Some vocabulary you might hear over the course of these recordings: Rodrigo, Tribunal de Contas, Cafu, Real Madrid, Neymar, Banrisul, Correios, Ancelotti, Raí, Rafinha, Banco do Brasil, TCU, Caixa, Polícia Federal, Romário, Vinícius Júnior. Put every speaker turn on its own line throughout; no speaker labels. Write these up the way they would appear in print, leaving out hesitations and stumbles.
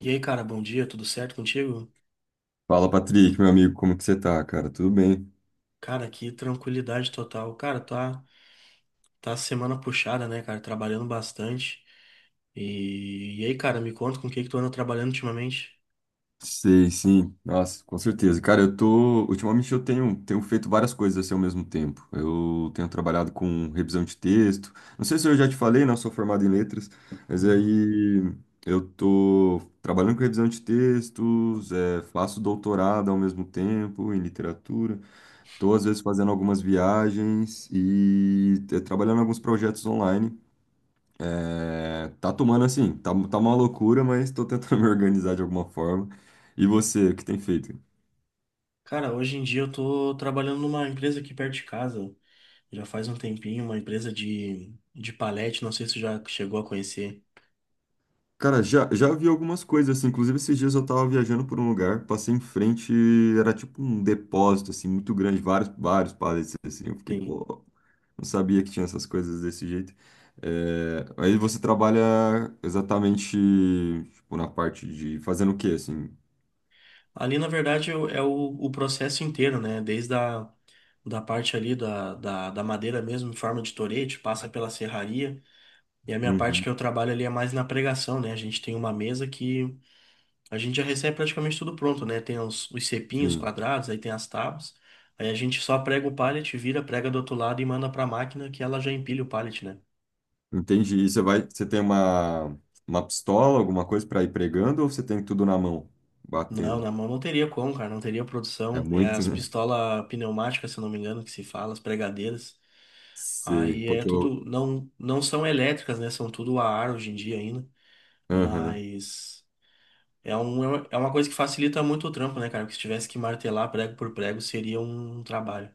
E aí, cara, bom dia, tudo certo contigo?
Fala, Patrick, meu amigo, como que você tá, cara? Tudo bem?
Cara, que tranquilidade total. Cara, tá semana puxada, né, cara? Trabalhando bastante. E aí, cara, me conta com o que que tu anda trabalhando ultimamente?
Sei, sim. Nossa, com certeza. Cara, eu tô. Ultimamente eu tenho feito várias coisas assim ao mesmo tempo. Eu tenho trabalhado com revisão de texto. Não sei se eu já te falei, não, sou formado em letras, mas
Uhum.
aí eu tô trabalhando com revisão de textos, é, faço doutorado ao mesmo tempo em literatura. Tô, às vezes, fazendo algumas viagens e é, trabalhando em alguns projetos online. É, tá tomando assim, tá uma loucura, mas tô tentando me organizar de alguma forma. E você, o que tem feito?
Cara, hoje em dia eu tô trabalhando numa empresa aqui perto de casa. Já faz um tempinho, uma empresa de palete, não sei se tu já chegou a conhecer.
Cara, já vi algumas coisas, assim, inclusive esses dias eu tava viajando por um lugar, passei em frente, era tipo um depósito, assim, muito grande, vários pallets, assim, eu fiquei,
Sim.
pô, não sabia que tinha essas coisas desse jeito. É, aí você trabalha exatamente, tipo, na parte de fazendo o quê, assim?
Ali, na verdade, é o processo inteiro, né? Desde a da parte ali da madeira mesmo, em forma de torete, passa pela serraria. E a minha parte
Uhum,
que eu trabalho ali é mais na pregação, né? A gente tem uma mesa que a gente já recebe praticamente tudo pronto, né? Tem os cepinhos
sim.
quadrados, aí tem as tábuas. Aí a gente só prega o pallet, vira, prega do outro lado e manda pra máquina que ela já empilha o pallet, né?
Entendi. E você tem uma pistola, alguma coisa para ir pregando ou você tem tudo na mão,
Não,
batendo?
na mão não teria como, cara, não teria
É
produção. É
muito,
as
né?
pistolas pneumáticas, se eu não me engano, que se fala, as pregadeiras.
Sei,
Aí é
porque eu.
tudo, não são elétricas, né? São tudo a ar hoje em dia ainda,
Aham.
mas. É é uma coisa que facilita muito o trampo, né, cara? Porque se tivesse que martelar prego por prego, seria um trabalho.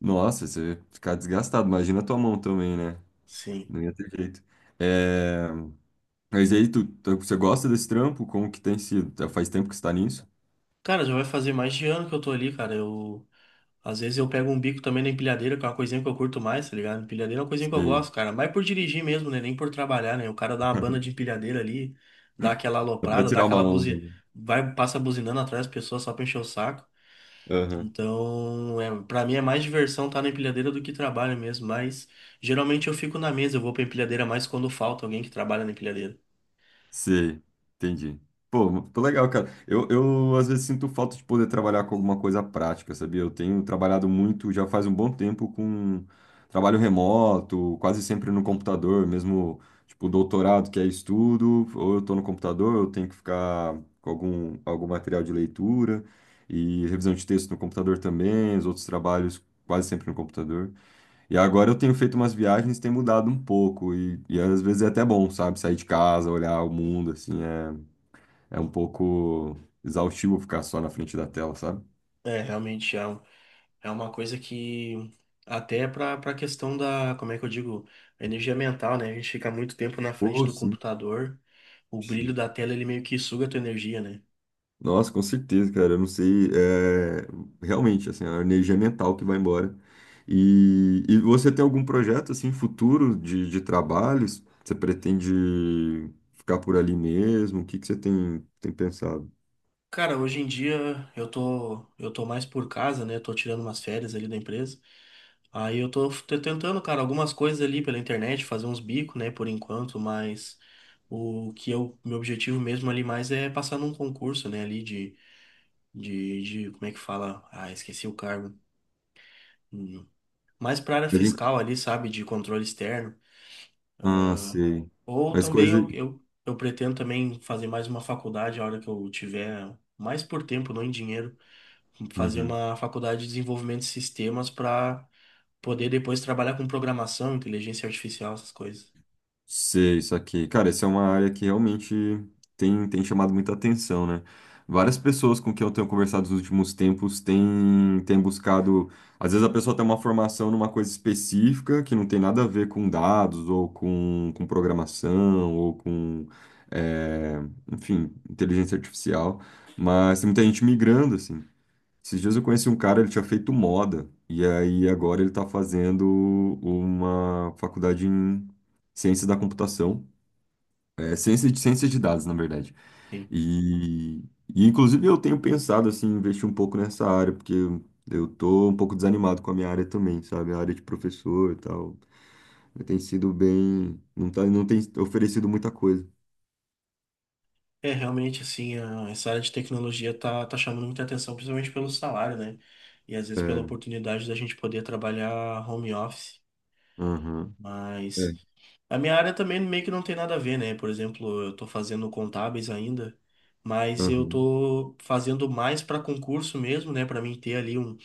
Nossa, você ia ficar desgastado. Imagina a tua mão também, né?
Sim.
Não ia ter jeito. É. Mas aí, você gosta desse trampo? Como que tem sido? Faz tempo que você tá nisso?
Cara, já vai fazer mais de ano que eu tô ali, cara. Eu, às vezes eu pego um bico também na empilhadeira, que é uma coisinha que eu curto mais, tá ligado? Empilhadeira é uma coisinha que eu
Sei.
gosto, cara. Mas por dirigir mesmo, né? Nem por trabalhar, né? O cara dá uma banda de empilhadeira ali, dá aquela
Dá pra
aloprada, dá
tirar uma
aquela
onda,
buzi... vai, passa buzinando atrás das pessoas só pra encher o saco.
né?
Então, é, para mim é mais diversão estar na empilhadeira do que trabalho mesmo, mas geralmente eu fico na mesa, eu vou pra empilhadeira mais quando falta alguém que trabalha na empilhadeira.
Sei, entendi. Pô, tô legal, cara. Eu às vezes sinto falta de poder trabalhar com alguma coisa prática, sabia? Eu tenho trabalhado muito, já faz um bom tempo, com trabalho remoto, quase sempre no computador, mesmo tipo doutorado, que é estudo, ou eu tô no computador, eu tenho que ficar com algum material de leitura e revisão de texto no computador também, os outros trabalhos quase sempre no computador. E agora eu tenho feito umas viagens, tem mudado um pouco, e às vezes é até bom, sabe? Sair de casa, olhar o mundo, assim, é um pouco exaustivo ficar só na frente da tela, sabe?
É, realmente é, é uma coisa que até para a questão da, como é que eu digo, energia mental, né? A gente fica muito tempo na frente
Pô,
do
sim.
computador, o brilho
Sim.
da tela ele meio que suga a tua energia, né?
Nossa, com certeza, cara, eu não sei, é, realmente, assim, é a energia mental que vai embora. E você tem algum projeto, assim, futuro de trabalhos? Você pretende ficar por ali mesmo? O que que você tem pensado?
Cara, hoje em dia eu tô mais por casa, né? Tô tirando umas férias ali da empresa. Aí tentando, cara, algumas coisas ali pela internet, fazer uns bicos, né, por enquanto, mas meu objetivo mesmo ali mais é passar num concurso, né, ali como é que fala? Ah, esqueci o cargo. Hum. Mais pra área
A gente.
fiscal ali, sabe, de controle externo.
Ah,
Ah,
sei.
ou
As
também
coisas.
eu pretendo também fazer mais uma faculdade a hora que eu tiver, mais por tempo, não em dinheiro, fazer
Uhum.
uma faculdade de desenvolvimento de sistemas pra poder depois trabalhar com programação, inteligência artificial, essas coisas.
Sei, isso aqui. Cara, essa é uma área que realmente tem chamado muita atenção, né? Várias pessoas com quem eu tenho conversado nos últimos tempos têm buscado. Às vezes a pessoa tem uma formação numa coisa específica que não tem nada a ver com dados, ou com programação, ou com, é, enfim, inteligência artificial. Mas tem muita gente migrando, assim. Esses dias eu conheci um cara, ele tinha feito moda, e aí agora ele está fazendo uma faculdade em ciência da computação, é, ciência de dados, na verdade.
Sim.
E, e inclusive eu tenho pensado assim, em investir um pouco nessa área, porque eu tô um pouco desanimado com a minha área também, sabe? A área de professor e tal. Tem sido bem. Não tá, não tem oferecido muita coisa.
É, realmente, assim, essa área de tecnologia tá chamando muita atenção, principalmente pelo salário, né? E às vezes
É,
pela oportunidade da gente poder trabalhar home office.
aham, é,
Mas a minha área também meio que não tem nada a ver, né? Por exemplo, eu tô fazendo contábeis ainda, mas eu
aham,
tô fazendo mais para concurso mesmo, né? Para mim ter ali um,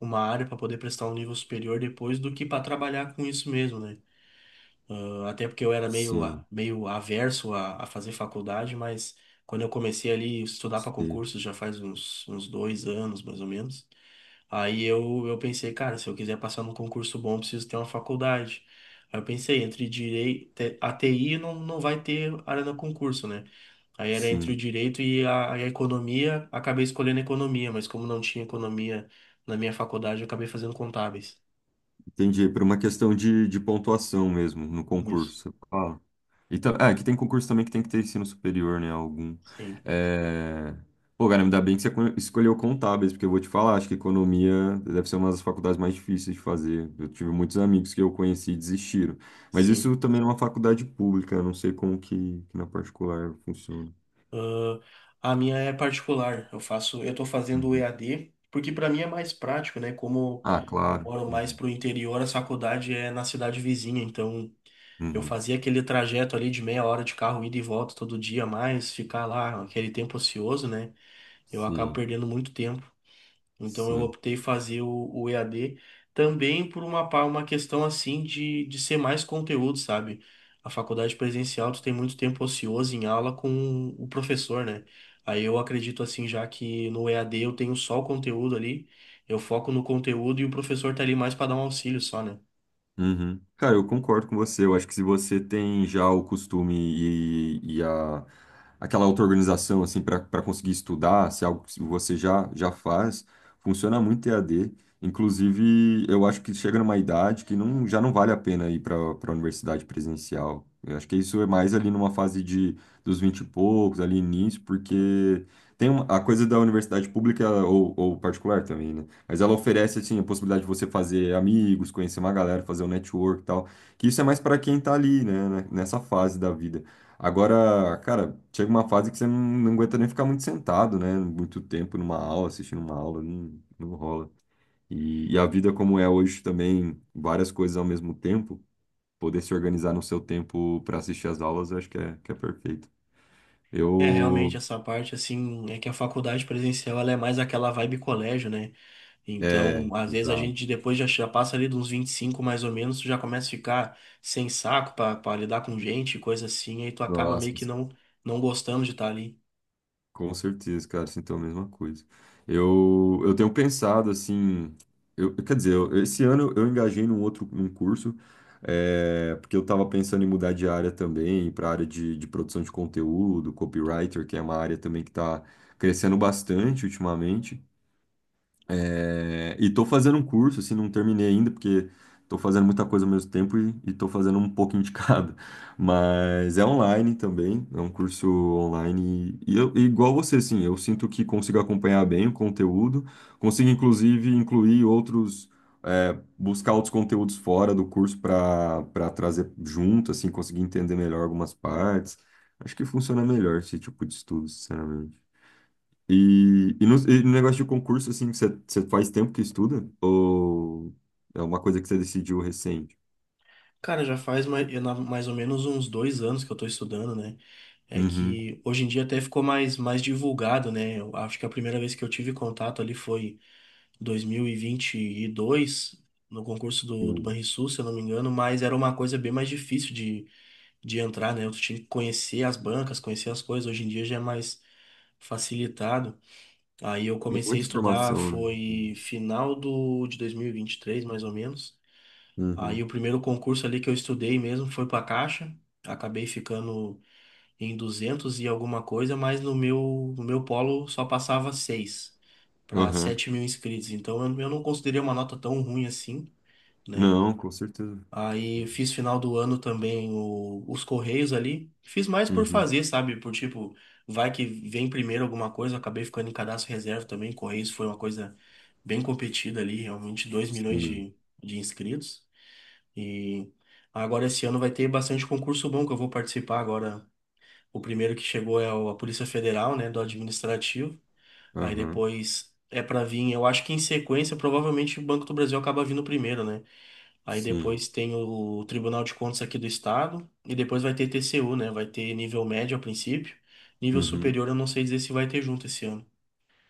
uma área para poder prestar um nível superior depois do que para trabalhar com isso mesmo, né? Até porque eu era meio,
sim,
meio averso a fazer faculdade, mas quando eu comecei ali a estudar para
sim,
concurso, já faz uns 2 anos, mais ou menos, aí eu pensei, cara, se eu quiser passar num concurso bom, eu preciso ter uma faculdade. Aí eu pensei, entre direito, a TI não vai ter área no concurso, né? Aí era entre o
sim.
direito e e a economia, acabei escolhendo economia, mas como não tinha economia na minha faculdade, eu acabei fazendo contábeis.
Entendi, por uma questão de pontuação mesmo no
Isso.
concurso. Ah. Então, é, que tem concurso também que tem que ter ensino superior, né? Algum.
Sim,
É. Pô, cara, ainda bem que você escolheu contábeis, porque eu vou te falar, acho que economia deve ser uma das faculdades mais difíceis de fazer. Eu tive muitos amigos que eu conheci e desistiram. Mas
sim.
isso também é uma faculdade pública, eu não sei como que na particular funciona.
Ah, a minha é particular. Eu faço, eu tô fazendo o
Uhum.
EAD, porque para mim é mais prático, né? Como
Ah,
eu
claro.
moro mais
Uhum.
pro interior, a faculdade é na cidade vizinha, então eu
Uhum.
fazia aquele trajeto ali de meia hora de carro ida e volta todo dia, mais ficar lá aquele tempo ocioso, né? Eu acabo
Sim,
perdendo muito tempo. Então eu
sim.
optei fazer o EAD também por uma, uma questão assim de ser mais conteúdo, sabe? A faculdade presencial, tu tem muito tempo ocioso em aula com o professor, né? Aí eu acredito assim, já que no EAD eu tenho só o conteúdo ali, eu foco no conteúdo e o professor tá ali mais para dar um auxílio só, né?
Uhum. Cara, eu concordo com você. Eu acho que se você tem já o costume e a, aquela auto-organização assim, para conseguir estudar, se é algo que você já faz, funciona muito EAD. Inclusive, eu acho que chega numa idade que não, já não vale a pena ir para a universidade presencial. Eu acho que isso é mais ali numa fase de, dos 20 e poucos, ali início, porque tem uma, a coisa da universidade pública ou particular também, né? Mas ela oferece, assim, a possibilidade de você fazer amigos, conhecer uma galera, fazer um network e tal. Que isso é mais para quem tá ali, né? Nessa fase da vida. Agora, cara, chega uma fase que você não aguenta nem ficar muito sentado, né? Muito tempo numa aula, assistindo uma aula, não rola. E a vida como é hoje também, várias coisas ao mesmo tempo, poder se organizar no seu tempo para assistir as aulas, eu acho que é perfeito.
É,
Eu.
realmente essa parte assim, é que a faculdade presencial ela é mais aquela vibe colégio, né?
É,
Então, às vezes a
exato.
gente depois já passa ali de uns 25 mais ou menos, tu já começa a ficar sem saco pra pra lidar com gente, coisa assim, aí tu acaba
Nossa,
meio que não, não gostando de estar ali.
com certeza, cara, sinto a mesma coisa. Eu tenho pensado assim, eu, quer dizer, esse ano eu engajei num curso, é, porque eu estava pensando em mudar de área também, para a área de produção de conteúdo, copywriter, que é uma área também que está crescendo bastante ultimamente. É, e tô fazendo um curso, assim, não terminei ainda, porque tô fazendo muita coisa ao mesmo tempo e tô fazendo um pouco indicado. Mas é online também, é um curso online. E e igual você, assim, eu sinto que consigo acompanhar bem o conteúdo, consigo, inclusive, incluir outros, é, buscar outros conteúdos fora do curso para trazer junto, assim, conseguir entender melhor algumas partes. Acho que funciona melhor esse tipo de estudo, sinceramente. E, e no negócio de concurso, assim, você faz tempo que estuda? Ou é uma coisa que você decidiu recente?
Cara, já faz mais, mais ou menos uns 2 anos que eu tô estudando, né? É
Uhum.
que hoje em dia até ficou mais, mais divulgado, né? Eu acho que a primeira vez que eu tive contato ali foi dois mil e vinte e dois no concurso do
Sim.
Banrisul, se eu não me engano, mas era uma coisa bem mais difícil de entrar, né? Eu tinha que conhecer as bancas, conhecer as coisas. Hoje em dia já é mais facilitado. Aí eu
Tem
comecei a
muita
estudar,
informação, né?
foi final de 2023, mais ou menos. Aí
Uhum.
o primeiro concurso ali que eu estudei mesmo foi para a Caixa. Acabei ficando em 200 e alguma coisa, mas no meu, no meu polo só passava seis para
Aham.
sete mil inscritos. Então eu não considerei uma nota tão ruim assim, né?
Não, com certeza.
Aí fiz final do ano também os Correios ali. Fiz mais por
Uhum.
fazer, sabe? Por tipo, vai que vem primeiro alguma coisa. Eu Acabei ficando em cadastro reserva também. Correios foi uma coisa bem competida ali, realmente 2 milhões
Sim.
de inscritos. E agora esse ano vai ter bastante concurso bom que eu vou participar agora. O primeiro que chegou é a Polícia Federal, né, do administrativo. Aí
Aham.
depois é pra vir, eu acho que em sequência, provavelmente o Banco do Brasil acaba vindo primeiro, né? Aí
Sim.
depois tem o Tribunal de Contas aqui do Estado. E depois vai ter TCU, né? Vai ter nível médio a princípio. Nível
Uhum.
superior eu não sei dizer se vai ter junto esse ano.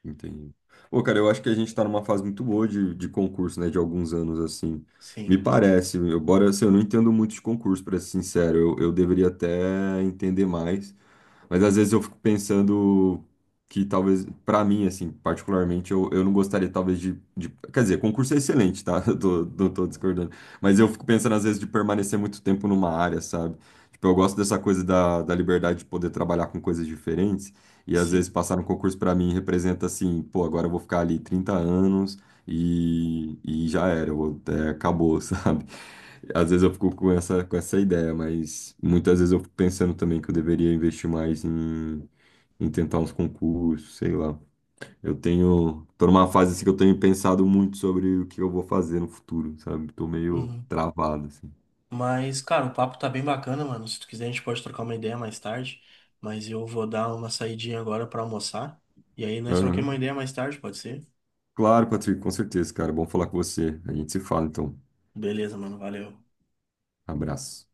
Entendi. Pô, cara, eu acho que a gente tá numa fase muito boa de concurso, né? De alguns anos, assim. Me
Sim,
parece, embora assim, eu não entendo muito de concurso, pra ser sincero. Eu deveria até entender mais. Mas às vezes eu fico pensando que talvez, pra mim, assim, particularmente, eu não gostaria talvez de, Quer dizer, concurso é excelente, tá? Eu tô, não tô discordando. Mas eu fico pensando às vezes de permanecer muito tempo numa área, sabe? Tipo, eu gosto dessa coisa da, liberdade de poder trabalhar com coisas diferentes. E às vezes
sim.
passar no concurso pra mim representa assim, pô, agora eu vou ficar ali 30 anos e já era, é, acabou, sabe? Às vezes eu fico com essa, ideia, mas muitas vezes eu fico pensando também que eu deveria investir mais em tentar uns concursos, sei lá. Tô numa fase assim que eu tenho pensado muito sobre o que eu vou fazer no futuro, sabe? Tô meio
Uhum.
travado, assim.
Mas, cara, o papo tá bem bacana, mano. Se tu quiser, a gente pode trocar uma ideia mais tarde. Mas eu vou dar uma saidinha agora pra almoçar. E aí nós troquemos uma
Aham.
ideia mais tarde, pode ser?
Claro, Patrick, com certeza, cara. Bom falar com você. A gente se fala, então.
Beleza, mano. Valeu.
Abraço.